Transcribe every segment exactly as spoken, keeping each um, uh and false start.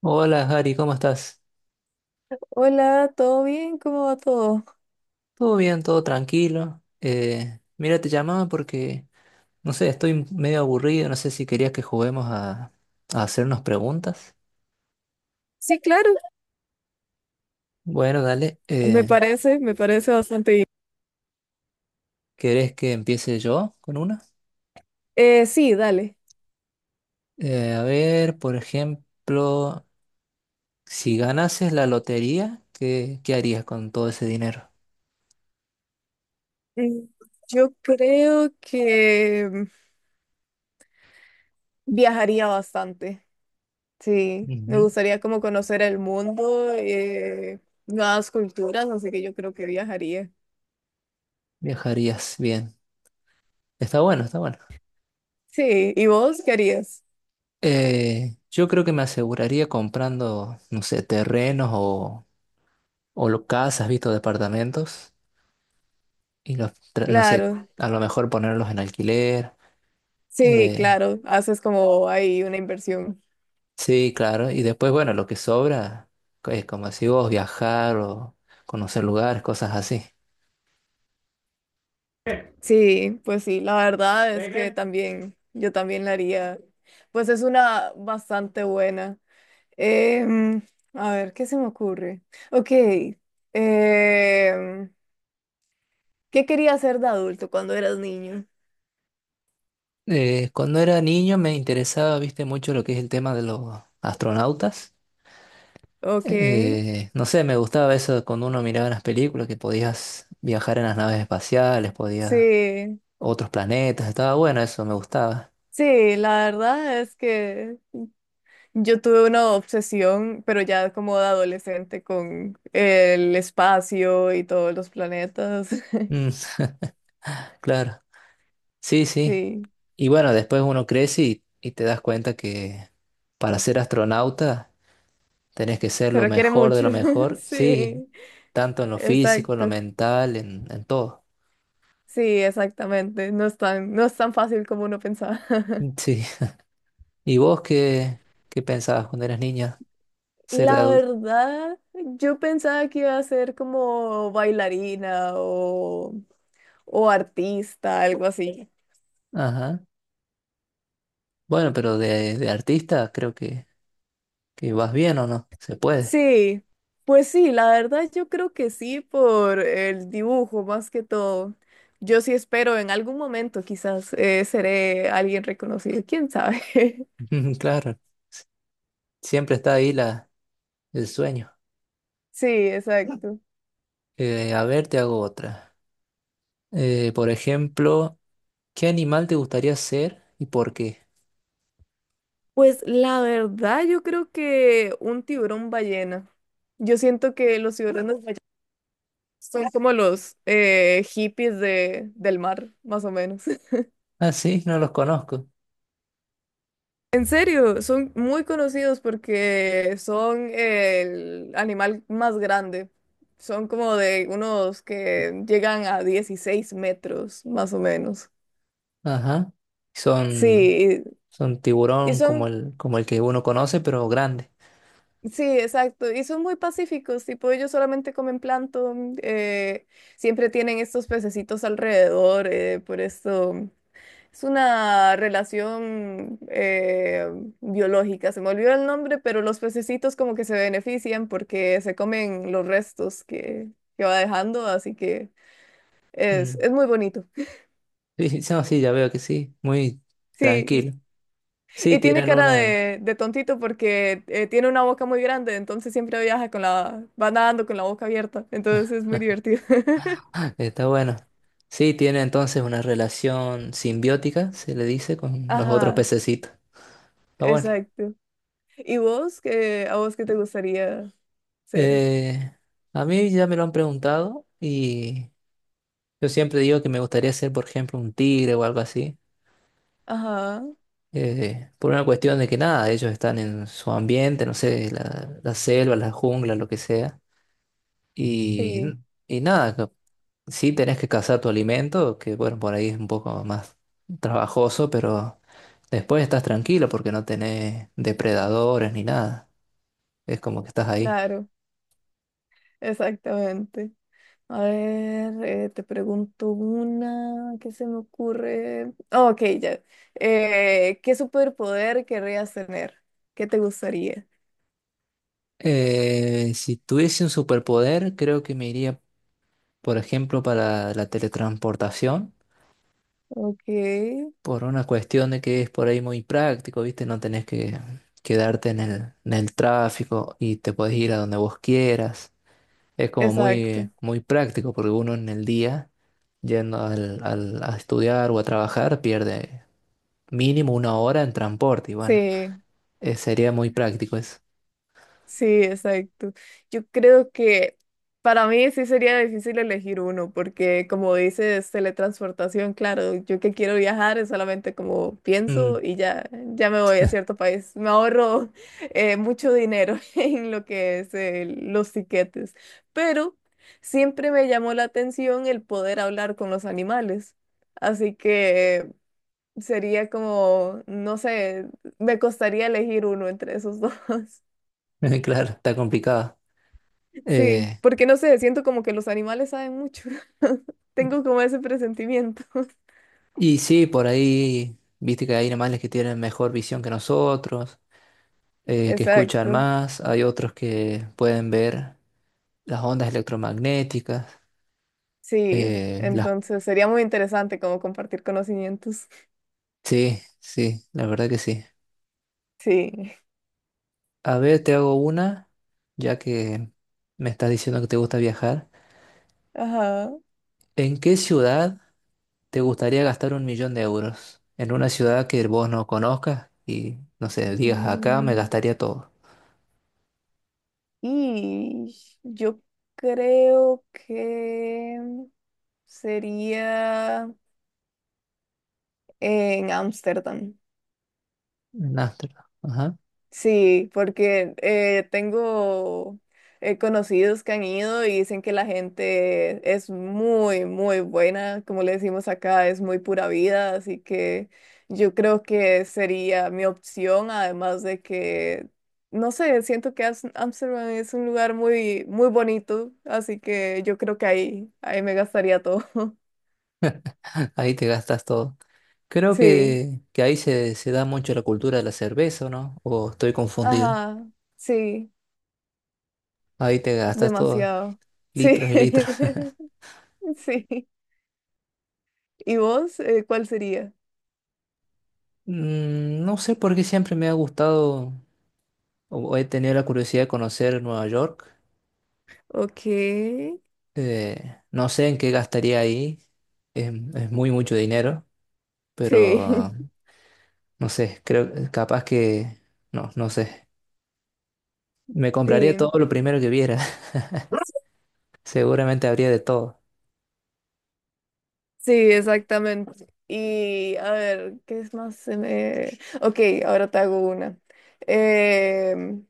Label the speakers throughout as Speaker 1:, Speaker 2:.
Speaker 1: Hola, Gary, ¿cómo estás?
Speaker 2: Hola, ¿todo bien? ¿Cómo va todo?
Speaker 1: Todo bien, todo tranquilo. Eh, mira, te llamaba porque, no sé, estoy medio aburrido, no sé si querías que juguemos a, a hacernos preguntas.
Speaker 2: Sí, claro,
Speaker 1: Bueno, dale,
Speaker 2: me
Speaker 1: eh,
Speaker 2: parece, me parece bastante bien.
Speaker 1: ¿querés que empiece yo con una?
Speaker 2: Eh, sí, dale.
Speaker 1: Eh, a ver, por ejemplo, si ganases la lotería, ¿qué, qué harías con todo ese dinero?
Speaker 2: Mm, Yo creo que mm, viajaría bastante, sí. Me
Speaker 1: Ujú.
Speaker 2: gustaría como conocer el mundo, eh, nuevas culturas, así que yo creo que viajaría.
Speaker 1: Viajarías bien. Está bueno, está bueno.
Speaker 2: Sí, ¿y vos qué harías?
Speaker 1: Eh, yo creo que me aseguraría comprando, no sé, terrenos o o lo, casas, visto departamentos, y los, tra- no sé,
Speaker 2: Claro,
Speaker 1: a lo mejor ponerlos en alquiler.
Speaker 2: sí,
Speaker 1: eh,
Speaker 2: claro, haces como ahí una inversión.
Speaker 1: sí, claro, y después, bueno, lo que sobra, es como si vos, viajar o conocer lugares, cosas así.
Speaker 2: Sí, pues sí, la verdad es que Venga. También, yo también la haría. Pues es una bastante buena. Em, a ver, ¿qué se me ocurre? Ok, em, ¿qué querías ser de adulto cuando eras niño?
Speaker 1: Eh, cuando era niño me interesaba, viste, mucho lo que es el tema de los astronautas.
Speaker 2: Ok,
Speaker 1: Eh, no sé, me gustaba eso cuando uno miraba las películas, que podías viajar en las naves espaciales, podías
Speaker 2: sí,
Speaker 1: otros planetas, estaba bueno eso, me gustaba.
Speaker 2: sí, la verdad es que yo tuve una obsesión, pero ya como de adolescente con el espacio y todos los planetas.
Speaker 1: Mm, claro. Sí, sí.
Speaker 2: Sí,
Speaker 1: Y bueno, después uno crece y, y te das cuenta que para ser astronauta tenés que ser
Speaker 2: se
Speaker 1: lo
Speaker 2: requiere
Speaker 1: mejor de
Speaker 2: mucho,
Speaker 1: lo mejor, sí,
Speaker 2: sí.
Speaker 1: tanto en lo físico, en
Speaker 2: Exacto.
Speaker 1: lo mental, en, en todo.
Speaker 2: Sí, exactamente. No es tan, no es tan fácil como uno pensaba.
Speaker 1: Sí. ¿Y vos qué, qué pensabas cuando eras niña? Ser de
Speaker 2: La
Speaker 1: adulto.
Speaker 2: verdad, yo pensaba que iba a ser como bailarina o, o artista, algo así.
Speaker 1: Ajá. Bueno, pero de, de artista creo que, que vas bien o no, se puede.
Speaker 2: Sí, pues sí, la verdad yo creo que sí por el dibujo más que todo. Yo sí espero en algún momento quizás eh, seré alguien reconocido, quién sabe.
Speaker 1: Claro, siempre está ahí la, el sueño.
Speaker 2: Sí, exacto.
Speaker 1: Eh, a ver, te hago otra. Eh, por ejemplo... ¿Qué animal te gustaría ser y por qué?
Speaker 2: Pues la verdad, yo creo que un tiburón ballena. Yo siento que los tiburones ballenas son como los eh, hippies de, del mar, más o menos.
Speaker 1: Ah, sí, no los conozco.
Speaker 2: En serio, son muy conocidos porque son el animal más grande. Son como de unos que llegan a dieciséis metros, más o menos.
Speaker 1: Ajá. Son,
Speaker 2: Sí,
Speaker 1: son
Speaker 2: y y
Speaker 1: tiburón
Speaker 2: son
Speaker 1: como el, como el que uno conoce, pero grande.
Speaker 2: sí, exacto. Y son muy pacíficos, tipo ellos solamente comen plancton, mm, eh, siempre tienen estos pececitos alrededor, eh, por esto mm, es una relación eh, biológica. Se me olvidó el nombre, pero los pececitos como que se benefician porque se comen los restos que, que va dejando, así que es,
Speaker 1: Mm.
Speaker 2: es muy bonito.
Speaker 1: Sí, sí, no, sí, ya veo que sí. Muy
Speaker 2: Sí.
Speaker 1: tranquilo. Sí,
Speaker 2: Y tiene
Speaker 1: tienen
Speaker 2: cara
Speaker 1: una.
Speaker 2: de, de tontito porque eh, tiene una boca muy grande, entonces siempre viaja con la, va nadando con la boca abierta, entonces es muy divertido.
Speaker 1: Está bueno. Sí, tiene entonces una relación simbiótica, se le dice, con los otros
Speaker 2: Ajá,
Speaker 1: pececitos. Está bueno.
Speaker 2: exacto. ¿Y vos qué, a vos qué te gustaría ser?
Speaker 1: Eh, a mí ya me lo han preguntado y yo siempre digo que me gustaría ser, por ejemplo, un tigre o algo así.
Speaker 2: Ajá,
Speaker 1: Eh, por una cuestión de que nada, ellos están en su ambiente, no sé, la, la selva, la jungla, lo que sea. Y,
Speaker 2: sí,
Speaker 1: y nada, co- sí tenés que cazar tu alimento, que bueno, por ahí es un poco más trabajoso, pero después estás tranquilo porque no tenés depredadores ni nada. Es como que estás ahí.
Speaker 2: claro, exactamente. A ver, eh, te pregunto una, ¿qué se me ocurre? Oh, ok, ya. Eh, ¿qué superpoder querrías tener? ¿Qué te gustaría?
Speaker 1: Eh, si tuviese un superpoder, creo que me iría, por ejemplo, para la teletransportación.
Speaker 2: Ok,
Speaker 1: Por una cuestión de que es por ahí muy práctico, ¿viste? No tenés que quedarte en el, en el tráfico y te podés ir a donde vos quieras. Es como
Speaker 2: exacto.
Speaker 1: muy, muy práctico porque uno en el día, yendo al, al- a estudiar o a trabajar, pierde mínimo una hora en transporte y bueno,
Speaker 2: Sí,
Speaker 1: eh, sería muy práctico eso.
Speaker 2: sí, exacto. Yo creo que para mí sí sería difícil elegir uno, porque como dices, teletransportación, claro, yo que quiero viajar es solamente como
Speaker 1: Mm.
Speaker 2: pienso y ya, ya me voy a cierto país. Me ahorro eh, mucho dinero en lo que es eh, los tiquetes, pero siempre me llamó la atención el poder hablar con los animales. Así que sería como, no sé, me costaría elegir uno entre esos dos.
Speaker 1: Claro, está complicado.
Speaker 2: Sí,
Speaker 1: Eh,
Speaker 2: porque no sé, siento como que los animales saben mucho. Tengo como ese presentimiento.
Speaker 1: y sí, por ahí, viste que hay animales que tienen mejor visión que nosotros. Eh, que escuchan
Speaker 2: Exacto.
Speaker 1: más, hay otros que pueden ver las ondas electromagnéticas,
Speaker 2: Sí,
Speaker 1: eh, las...
Speaker 2: entonces sería muy interesante como compartir conocimientos.
Speaker 1: Sí, sí, la verdad que sí.
Speaker 2: Sí.
Speaker 1: A ver, te hago una, ya que me estás diciendo que te gusta viajar.
Speaker 2: Ajá.
Speaker 1: ¿En qué ciudad te gustaría gastar un millón de euros? En una ciudad que vos no conozcas y, no sé, digas acá me
Speaker 2: Mm,
Speaker 1: gastaría todo.
Speaker 2: y yo creo que sería en Ámsterdam.
Speaker 1: En Ámsterdam. Ajá.
Speaker 2: Sí, porque eh, tengo eh, conocidos que han ido y dicen que la gente es muy, muy buena, como le decimos acá, es muy pura vida, así que yo creo que sería mi opción, además de que, no sé, siento que Ams- Amsterdam es un lugar muy, muy bonito, así que yo creo que ahí, ahí me gastaría todo.
Speaker 1: Ahí te gastas todo. Creo
Speaker 2: Sí,
Speaker 1: que, que ahí se, se da mucho la cultura de la cerveza, ¿o ¿no? ¿O estoy confundido?
Speaker 2: ajá, sí,
Speaker 1: Ahí te gastas todos
Speaker 2: demasiado. Sí,
Speaker 1: litros y litros.
Speaker 2: sí. ¿Y vos, eh, cuál sería?
Speaker 1: Mm, no sé por qué siempre me ha gustado o o he tenido la curiosidad de conocer Nueva York.
Speaker 2: Ok, sí,
Speaker 1: Eh, no sé en qué gastaría ahí. Es, es muy mucho dinero, pero no sé, creo eh, capaz que no, no sé. Me compraría
Speaker 2: sí,
Speaker 1: todo lo primero que viera. Seguramente habría de todo.
Speaker 2: sí, exactamente. Y a ver, ¿qué es más? Se me- Ok, ahora te hago una. Em,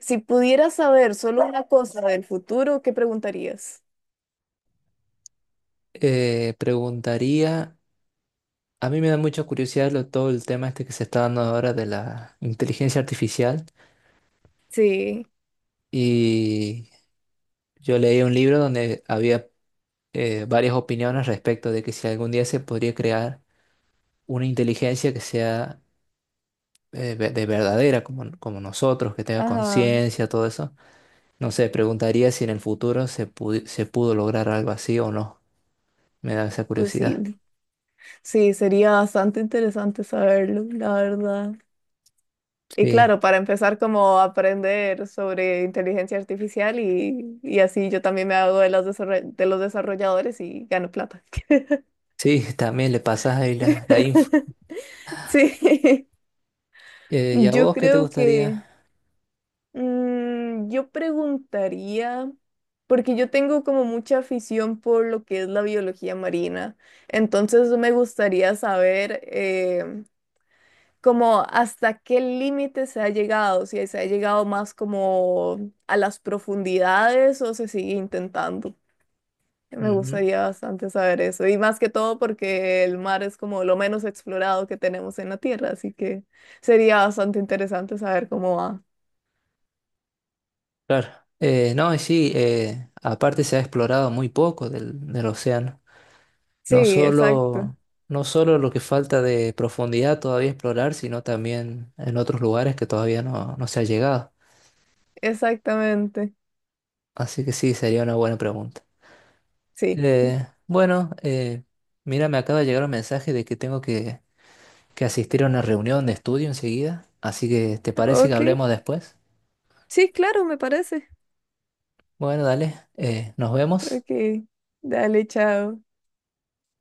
Speaker 2: si pudieras saber solo una cosa del futuro, ¿qué preguntarías?
Speaker 1: Eh, preguntaría, a mí me da mucha curiosidad lo- todo el tema este que se está dando ahora de la inteligencia artificial
Speaker 2: Sí,
Speaker 1: y yo leí un libro donde había eh, varias opiniones respecto de que si algún día se podría crear una inteligencia que sea eh, ve- de verdadera, como, como nosotros, que tenga
Speaker 2: ajá,
Speaker 1: conciencia, todo eso. No sé, preguntaría si en el futuro se, pudi- se pudo lograr algo así o no. Me da esa
Speaker 2: pues sí,
Speaker 1: curiosidad.
Speaker 2: sí, sería bastante interesante saberlo, la verdad. Y
Speaker 1: Sí,
Speaker 2: claro, para empezar como a aprender sobre inteligencia artificial y, y así yo también me hago de los desarroll- de los desarrolladores y gano plata.
Speaker 1: sí, también le pasas ahí la, la info.
Speaker 2: Sí,
Speaker 1: Eh, ¿y a
Speaker 2: yo
Speaker 1: vos qué te
Speaker 2: creo que
Speaker 1: gustaría?
Speaker 2: mm, yo preguntaría, porque yo tengo como mucha afición por lo que es la biología marina, entonces me gustaría saber eh, como hasta qué límite se ha llegado, si se ha llegado más como a las profundidades o se sigue intentando. Me
Speaker 1: Ujú.
Speaker 2: gustaría bastante saber eso, y más que todo porque el mar es como lo menos explorado que tenemos en la Tierra, así que sería bastante interesante saber cómo va.
Speaker 1: Claro. Eh, no, y sí, eh, aparte se ha explorado muy poco del, del océano.
Speaker 2: Sí,
Speaker 1: No
Speaker 2: exacto,
Speaker 1: solo, no solo lo que falta de profundidad todavía explorar, sino también en otros lugares que todavía no, no se ha llegado.
Speaker 2: exactamente,
Speaker 1: Así que sí, sería una buena pregunta.
Speaker 2: sí.
Speaker 1: Eh, bueno, eh, mira, me acaba de llegar un mensaje de que tengo que, que asistir a una reunión de estudio enseguida. Así que, ¿te parece que
Speaker 2: Ok,
Speaker 1: hablemos después?
Speaker 2: sí, claro, me parece.
Speaker 1: Bueno, dale, eh, nos vemos.
Speaker 2: Ok, dale, chao.